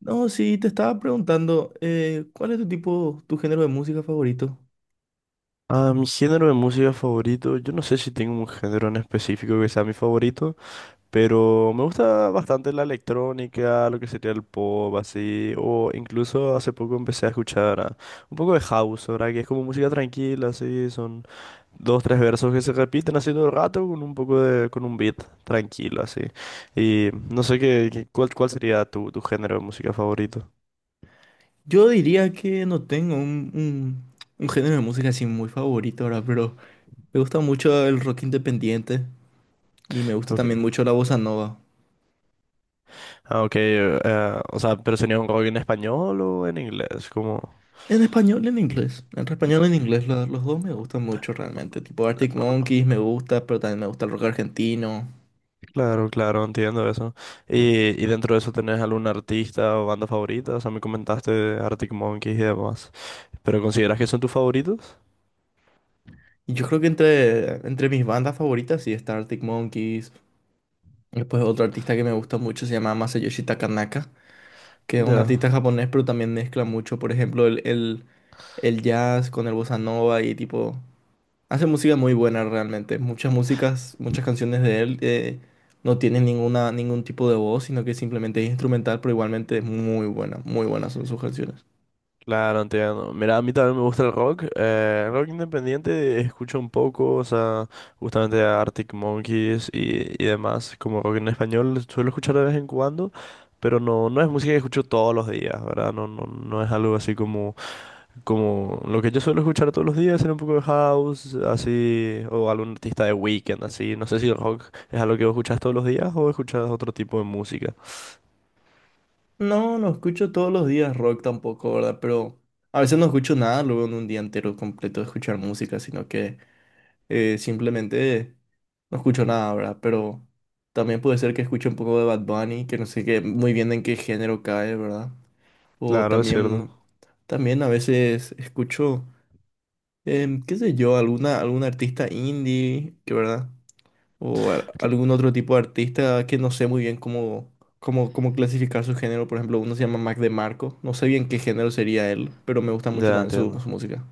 No, sí, te estaba preguntando, ¿cuál es tu tipo, tu género de música favorito? Ah, mi género de música favorito, yo no sé si tengo un género en específico que sea mi favorito, pero me gusta bastante la electrónica, lo que sería el pop, así, o incluso hace poco empecé a escuchar un poco de house, ¿verdad? Que es como música tranquila, así, son dos, tres versos que se repiten así todo el rato con un poco de, con un beat tranquilo, así. Y no sé qué, cuál sería tu, tu género de música favorito. Yo diría que no tengo un género de música así muy favorito ahora, pero me gusta mucho el rock independiente y me gusta Okay. también mucho la bossa nova. Ah, ok, o sea, pero sería un rock en español o en inglés, como... En español y en inglés. Entre español y en inglés, los dos me gustan mucho realmente. Tipo Arctic Monkeys me gusta, pero también me gusta el rock argentino. Claro, claro, entiendo eso. Y dentro de eso, ¿tenés algún artista o banda favorita? O sea, me comentaste de Arctic Monkeys y demás. ¿Pero consideras que son tus favoritos? Y yo creo que entre mis bandas favoritas sí está Arctic Monkeys. Después otro artista que me gusta mucho se llama Masayoshi Takanaka, que es un artista Ya. japonés, pero también mezcla mucho, por ejemplo, el jazz con el bossa nova y tipo, hace música muy buena realmente. Muchas músicas, muchas canciones de él no tienen ningún tipo de voz, sino que simplemente es instrumental, pero igualmente es muy buena, muy buenas son sus canciones. Claro, entiendo. Mira, a mí también me gusta el rock. El rock independiente escucho un poco, o sea, justamente a Arctic Monkeys y demás. Como rock en español suelo escuchar de vez en cuando, pero no, no es música que escucho todos los días, ¿verdad? No, no, no es algo así como. Como lo que yo suelo escuchar todos los días era un poco de house, así, o algún artista de Weekend, así. No sé si el rock es algo que vos escuchás todos los días o escuchás otro tipo de música. No, no escucho todos los días rock tampoco, ¿verdad? Pero a veces no escucho nada luego en un día entero completo de escuchar música, sino que... simplemente no escucho nada, ¿verdad? Pero también puede ser que escuche un poco de Bad Bunny, que no sé qué, muy bien en qué género cae, ¿verdad? O Claro, es también, cierto. también a veces escucho, qué sé yo, algún artista indie, que ¿verdad? Cl- Algún otro tipo de artista que no sé muy bien cómo clasificar su género. Por ejemplo, uno se llama Mac DeMarco. No sé bien qué género sería él, pero me gusta mucho Ya también su, entiendo. su música.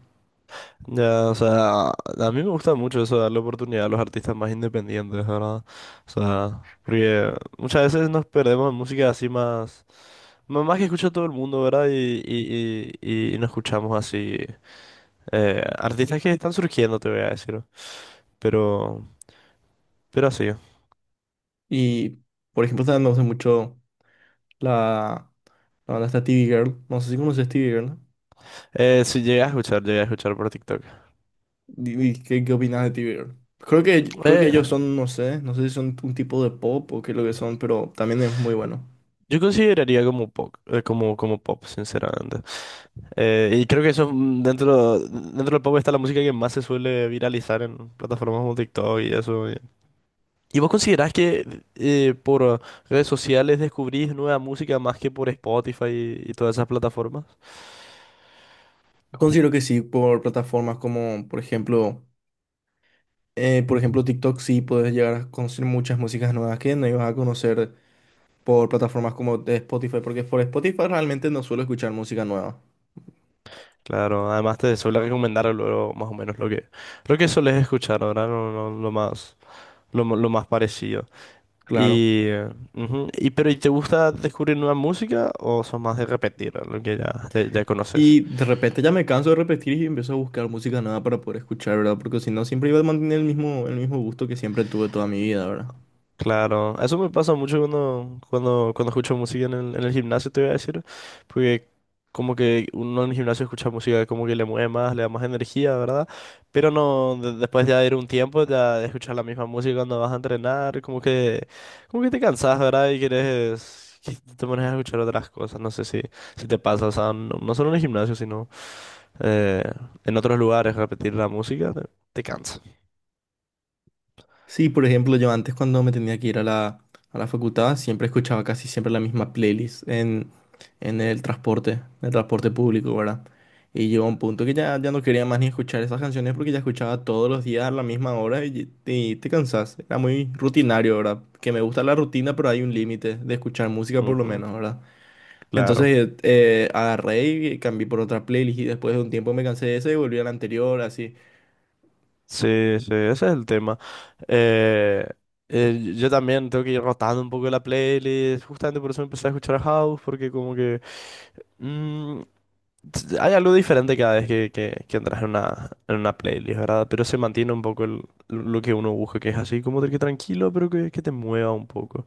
Ya, o sea, a mí me gusta mucho eso, darle oportunidad a los artistas más independientes, ¿verdad? O sea, porque muchas veces nos perdemos en música así más, más que escucha todo el mundo, ¿verdad? Y no escuchamos así artistas que están surgiendo, te voy a decir. Pero, pero así. Y, por ejemplo, también me gusta mucho la... La banda está TV Girl. No sé si conoces TV Girl, ¿no? Sí, llegué a escuchar por TikTok. ¿Y qué opinas de TV Girl? Creo que Eh, ellos son, no sé, no sé si son un tipo de pop o qué es lo que son, pero también es muy bueno. yo consideraría como pop, como pop, sinceramente. Y creo que eso dentro del pop está la música que más se suele viralizar en plataformas como TikTok y eso. ¿Y vos considerás que por redes sociales descubrís nueva música más que por Spotify y todas esas plataformas? Considero que sí, por plataformas como, por ejemplo, TikTok, sí puedes llegar a conocer muchas músicas nuevas que no ibas a conocer por plataformas como de Spotify, porque por Spotify realmente no suelo escuchar música nueva. Claro, además te suele recomendar luego más o menos lo que solés escuchar ahora, lo más, lo más parecido. Claro. Y, ujú, y pero ¿y te gusta descubrir nueva música o sos más de repetir lo que ya conoces? Y de repente ya me canso de repetir y empiezo a buscar música nueva para poder escuchar, ¿verdad? Porque si no, siempre iba a mantener el mismo gusto que siempre tuve toda mi vida, ¿verdad? Claro, eso me pasa mucho cuando, cuando escucho música en el gimnasio, te voy a decir, porque como que uno en el gimnasio escucha música como que le mueve más, le da más energía, ¿verdad? Pero no, después ya de ir un tiempo, ya de escuchar la misma música cuando vas a entrenar, como que te cansas, ¿verdad? Y quieres que te pones a escuchar otras cosas, no sé si, si te pasa, o sea, no, no solo en el gimnasio, sino... eh, en otros lugares repetir la música, te cansa. Sí, por ejemplo, yo antes cuando me tenía que ir a a la facultad, siempre escuchaba casi siempre la misma playlist en el transporte público, ¿verdad? Y llegó un punto que ya no quería más ni escuchar esas canciones porque ya escuchaba todos los días a la misma hora y te cansas. Era muy rutinario, ¿verdad? Que me gusta la rutina, pero hay un límite de escuchar música por lo Ujú, menos, ¿verdad? claro. Entonces agarré y cambié por otra playlist y después de un tiempo me cansé de esa y volví a la anterior, así. Sí, sí, ese es el tema. Eh, yo también tengo que ir rotando un poco la playlist, justamente por eso empecé a escuchar a House, porque como que... mm, hay algo diferente cada vez que, que entras en una playlist, ¿verdad? Pero se mantiene un poco lo que uno busca, que es así como de que tranquilo, pero que te mueva un poco.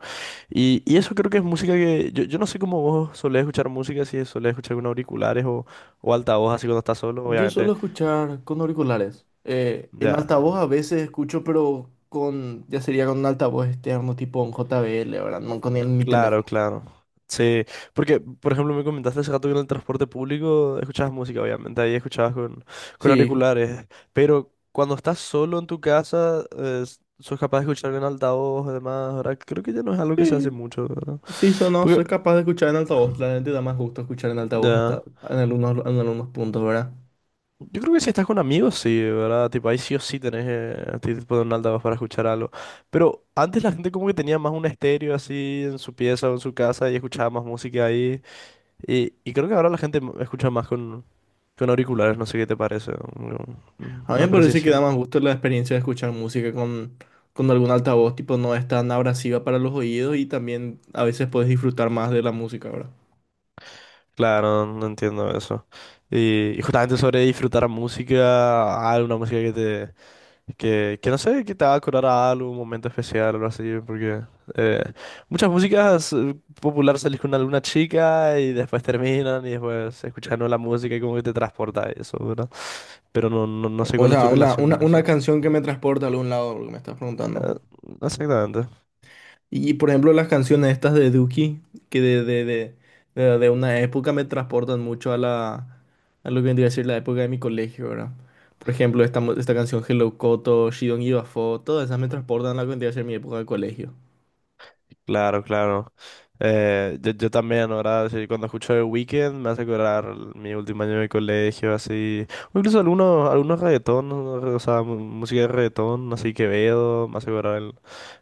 Y eso creo que es música que... Yo no sé cómo vos solés escuchar música, si solés escuchar con auriculares o altavoz así cuando estás solo, Yo obviamente. suelo escuchar con auriculares. En Ya. altavoz a veces escucho, pero con, ya sería con un altavoz externo tipo un JBL, ¿verdad? No con mi Claro, teléfono. claro. Sí, porque, por ejemplo, me comentaste hace rato que en el transporte público escuchabas música, obviamente, ahí escuchabas con Sí, auriculares, pero cuando estás solo en tu casa, sos capaz de escuchar en altavoz, además, ahora creo que ya no es algo que se hace sí, mucho, ¿verdad? sí, eso no, Porque, soy capaz de escuchar en altavoz. La gente da más gusto escuchar en altavoz hasta ya, en algunos puntos, ¿verdad? yo creo que si estás con amigos, sí, ¿verdad? Tipo, ahí sí o sí tenés a ti te ponen un altavoz para escuchar algo, pero antes la gente como que tenía más un estéreo así en su pieza o en su casa y escuchaba más música ahí. Y creo que ahora la gente escucha más con auriculares, no sé qué te parece. A mí me Una parece que da precisión. más gusto la experiencia de escuchar música con algún altavoz, tipo no es tan abrasiva para los oídos y también a veces puedes disfrutar más de la música, ¿verdad? Claro, no entiendo eso. Y justamente sobre disfrutar música, alguna música que te, que no sé, que te va a acordar a algo, un momento especial o algo así, porque eh, muchas músicas populares salís con alguna chica y después terminan y después escuchas la música y como que te transporta a eso, ¿verdad? Pero no, no, no sé O cuál es tu sea, una, relación una, con una eso. canción que me transporta a algún lado, lo que me estás preguntando. Eh, exactamente. Y por ejemplo, las canciones estas de Duki, que de una época me transportan mucho a a lo que vendría a ser la época de mi colegio, ¿verdad? Por ejemplo, esta, esta canción Hello Koto, She Don't Give a Fuck, todas esas me transportan a lo que vendría a ser mi época de colegio. Claro, claro. Yo, yo también, ahora sí, cuando escucho The Weeknd me hace acordar mi último año de colegio, así. O incluso algunos, algunos reggaetón, o sea, música de reggaetón, así Quevedo, me hace acordar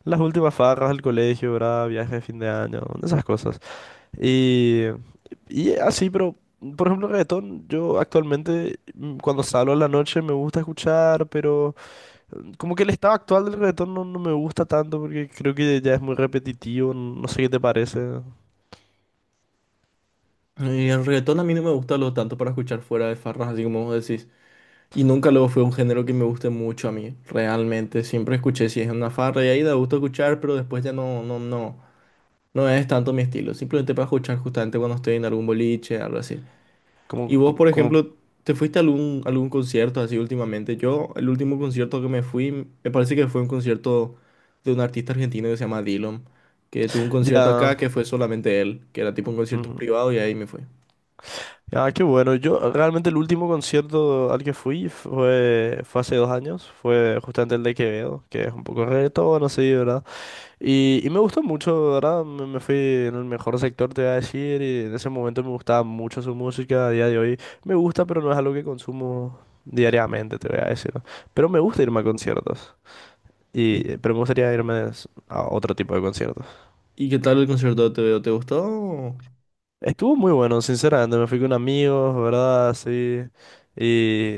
las últimas farras del colegio, ¿verdad? Viajes de fin de año, esas cosas. Y, y así, pero, por ejemplo, reggaetón, yo actualmente cuando salgo en la noche me gusta escuchar, pero... Como que el estado actual del reggaetón no, no me gusta tanto porque creo que ya es muy repetitivo, no sé qué te parece. Y el reggaetón a mí no me gusta lo tanto para escuchar fuera de farras, así como vos decís. Y nunca lo fue un género que me guste mucho a mí, realmente. Siempre escuché si es una farra y ahí da gusto escuchar, pero después ya no es tanto mi estilo. Simplemente para escuchar justamente cuando estoy en algún boliche, algo así. Como, Y vos, co- por como, ejemplo, ¿te fuiste a algún concierto así últimamente? Yo, el último concierto que me fui, me parece que fue un concierto de un artista argentino que se llama Dillom, que tuvo un concierto ya. acá que fue solamente él, que era tipo un concierto Ujú. privado y ahí me fui. Ah, qué bueno. Yo realmente el último concierto al que fui fue, fue hace dos años, fue justamente el de Quevedo, que es un poco reggaetón, no sé, ¿verdad? Y me gustó mucho, ¿verdad? Me fui en el mejor sector, te voy a decir, y en ese momento me gustaba mucho su música, a día de hoy me gusta, pero no es algo que consumo diariamente, te voy a decir. Pero me gusta irme a conciertos. Y, pero me gustaría irme a otro tipo de conciertos. ¿Y qué tal el concierto de Te veo? ¿Te gustó? Estuvo muy bueno, sinceramente. Me fui con amigos, ¿verdad? Sí. Y,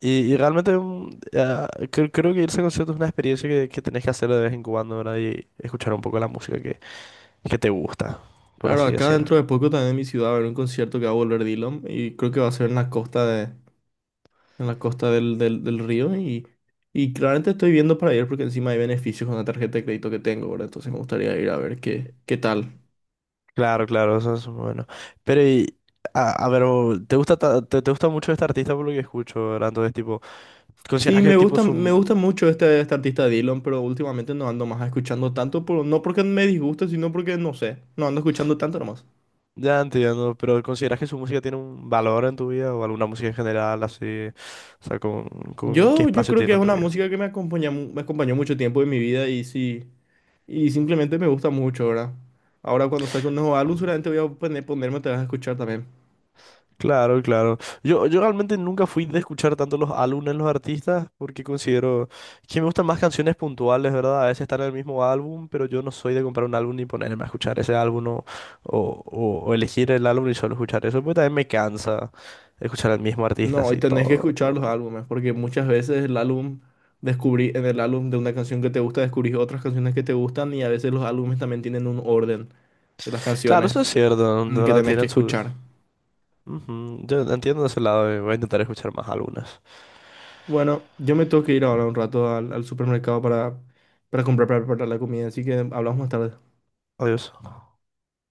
y realmente creo que irse a conciertos es una experiencia que tenés que hacer de vez en cuando, ¿verdad? Y escuchar un poco la música que te gusta, por Claro, así acá decirlo. dentro de poco también en mi ciudad va a haber un concierto que va a volver Dylan y creo que va a ser en la costa de, en la costa del río y claramente estoy viendo para ir porque encima hay beneficios con la tarjeta de crédito que tengo, ¿verdad? Entonces me gustaría ir a ver qué, qué tal. Claro, claro, eso es bueno. Pero, y, a ver, ¿te gusta, te gusta mucho este artista por lo que escucho, ¿verdad? Entonces, tipo, Sí, ¿consideras que me tipo gusta, su, me gusta mucho este artista Dylan, pero últimamente no ando más escuchando tanto, por, no porque me disguste, sino porque no sé, no ando escuchando tanto nomás. ya entiendo, pero ¿consideras que su música tiene un valor en tu vida o alguna música en general así? O sea, con qué Yo espacio creo que tiene es en tu una vida? música que me acompaña, me acompañó mucho tiempo en mi vida y sí. Y simplemente me gusta mucho, ¿verdad? Ahora cuando saque un nuevo álbum seguramente voy a ponerme, te vas a escuchar también. Claro, claro. Yo realmente nunca fui de escuchar tanto los álbumes de los artistas porque considero que me gustan más canciones puntuales, ¿verdad? A veces están en el mismo álbum, pero yo no soy de comprar un álbum ni ponerme a escuchar ese álbum o, o elegir el álbum y solo escuchar eso, porque también me cansa escuchar al mismo artista No, y así tenés que todo. escuchar los álbumes, porque muchas veces el álbum, descubrí en el álbum de una canción que te gusta, descubrís otras canciones que te gustan y a veces los álbumes también tienen un orden de las Claro, eso canciones es cierto, ¿no? en De el que verdad, tenés que tienen sus, escuchar. ujú, yo entiendo ese lado y voy a intentar escuchar más algunas. Bueno, yo me tengo que ir ahora un rato al, al supermercado para comprar para preparar la comida, así que hablamos más tarde. Adiós.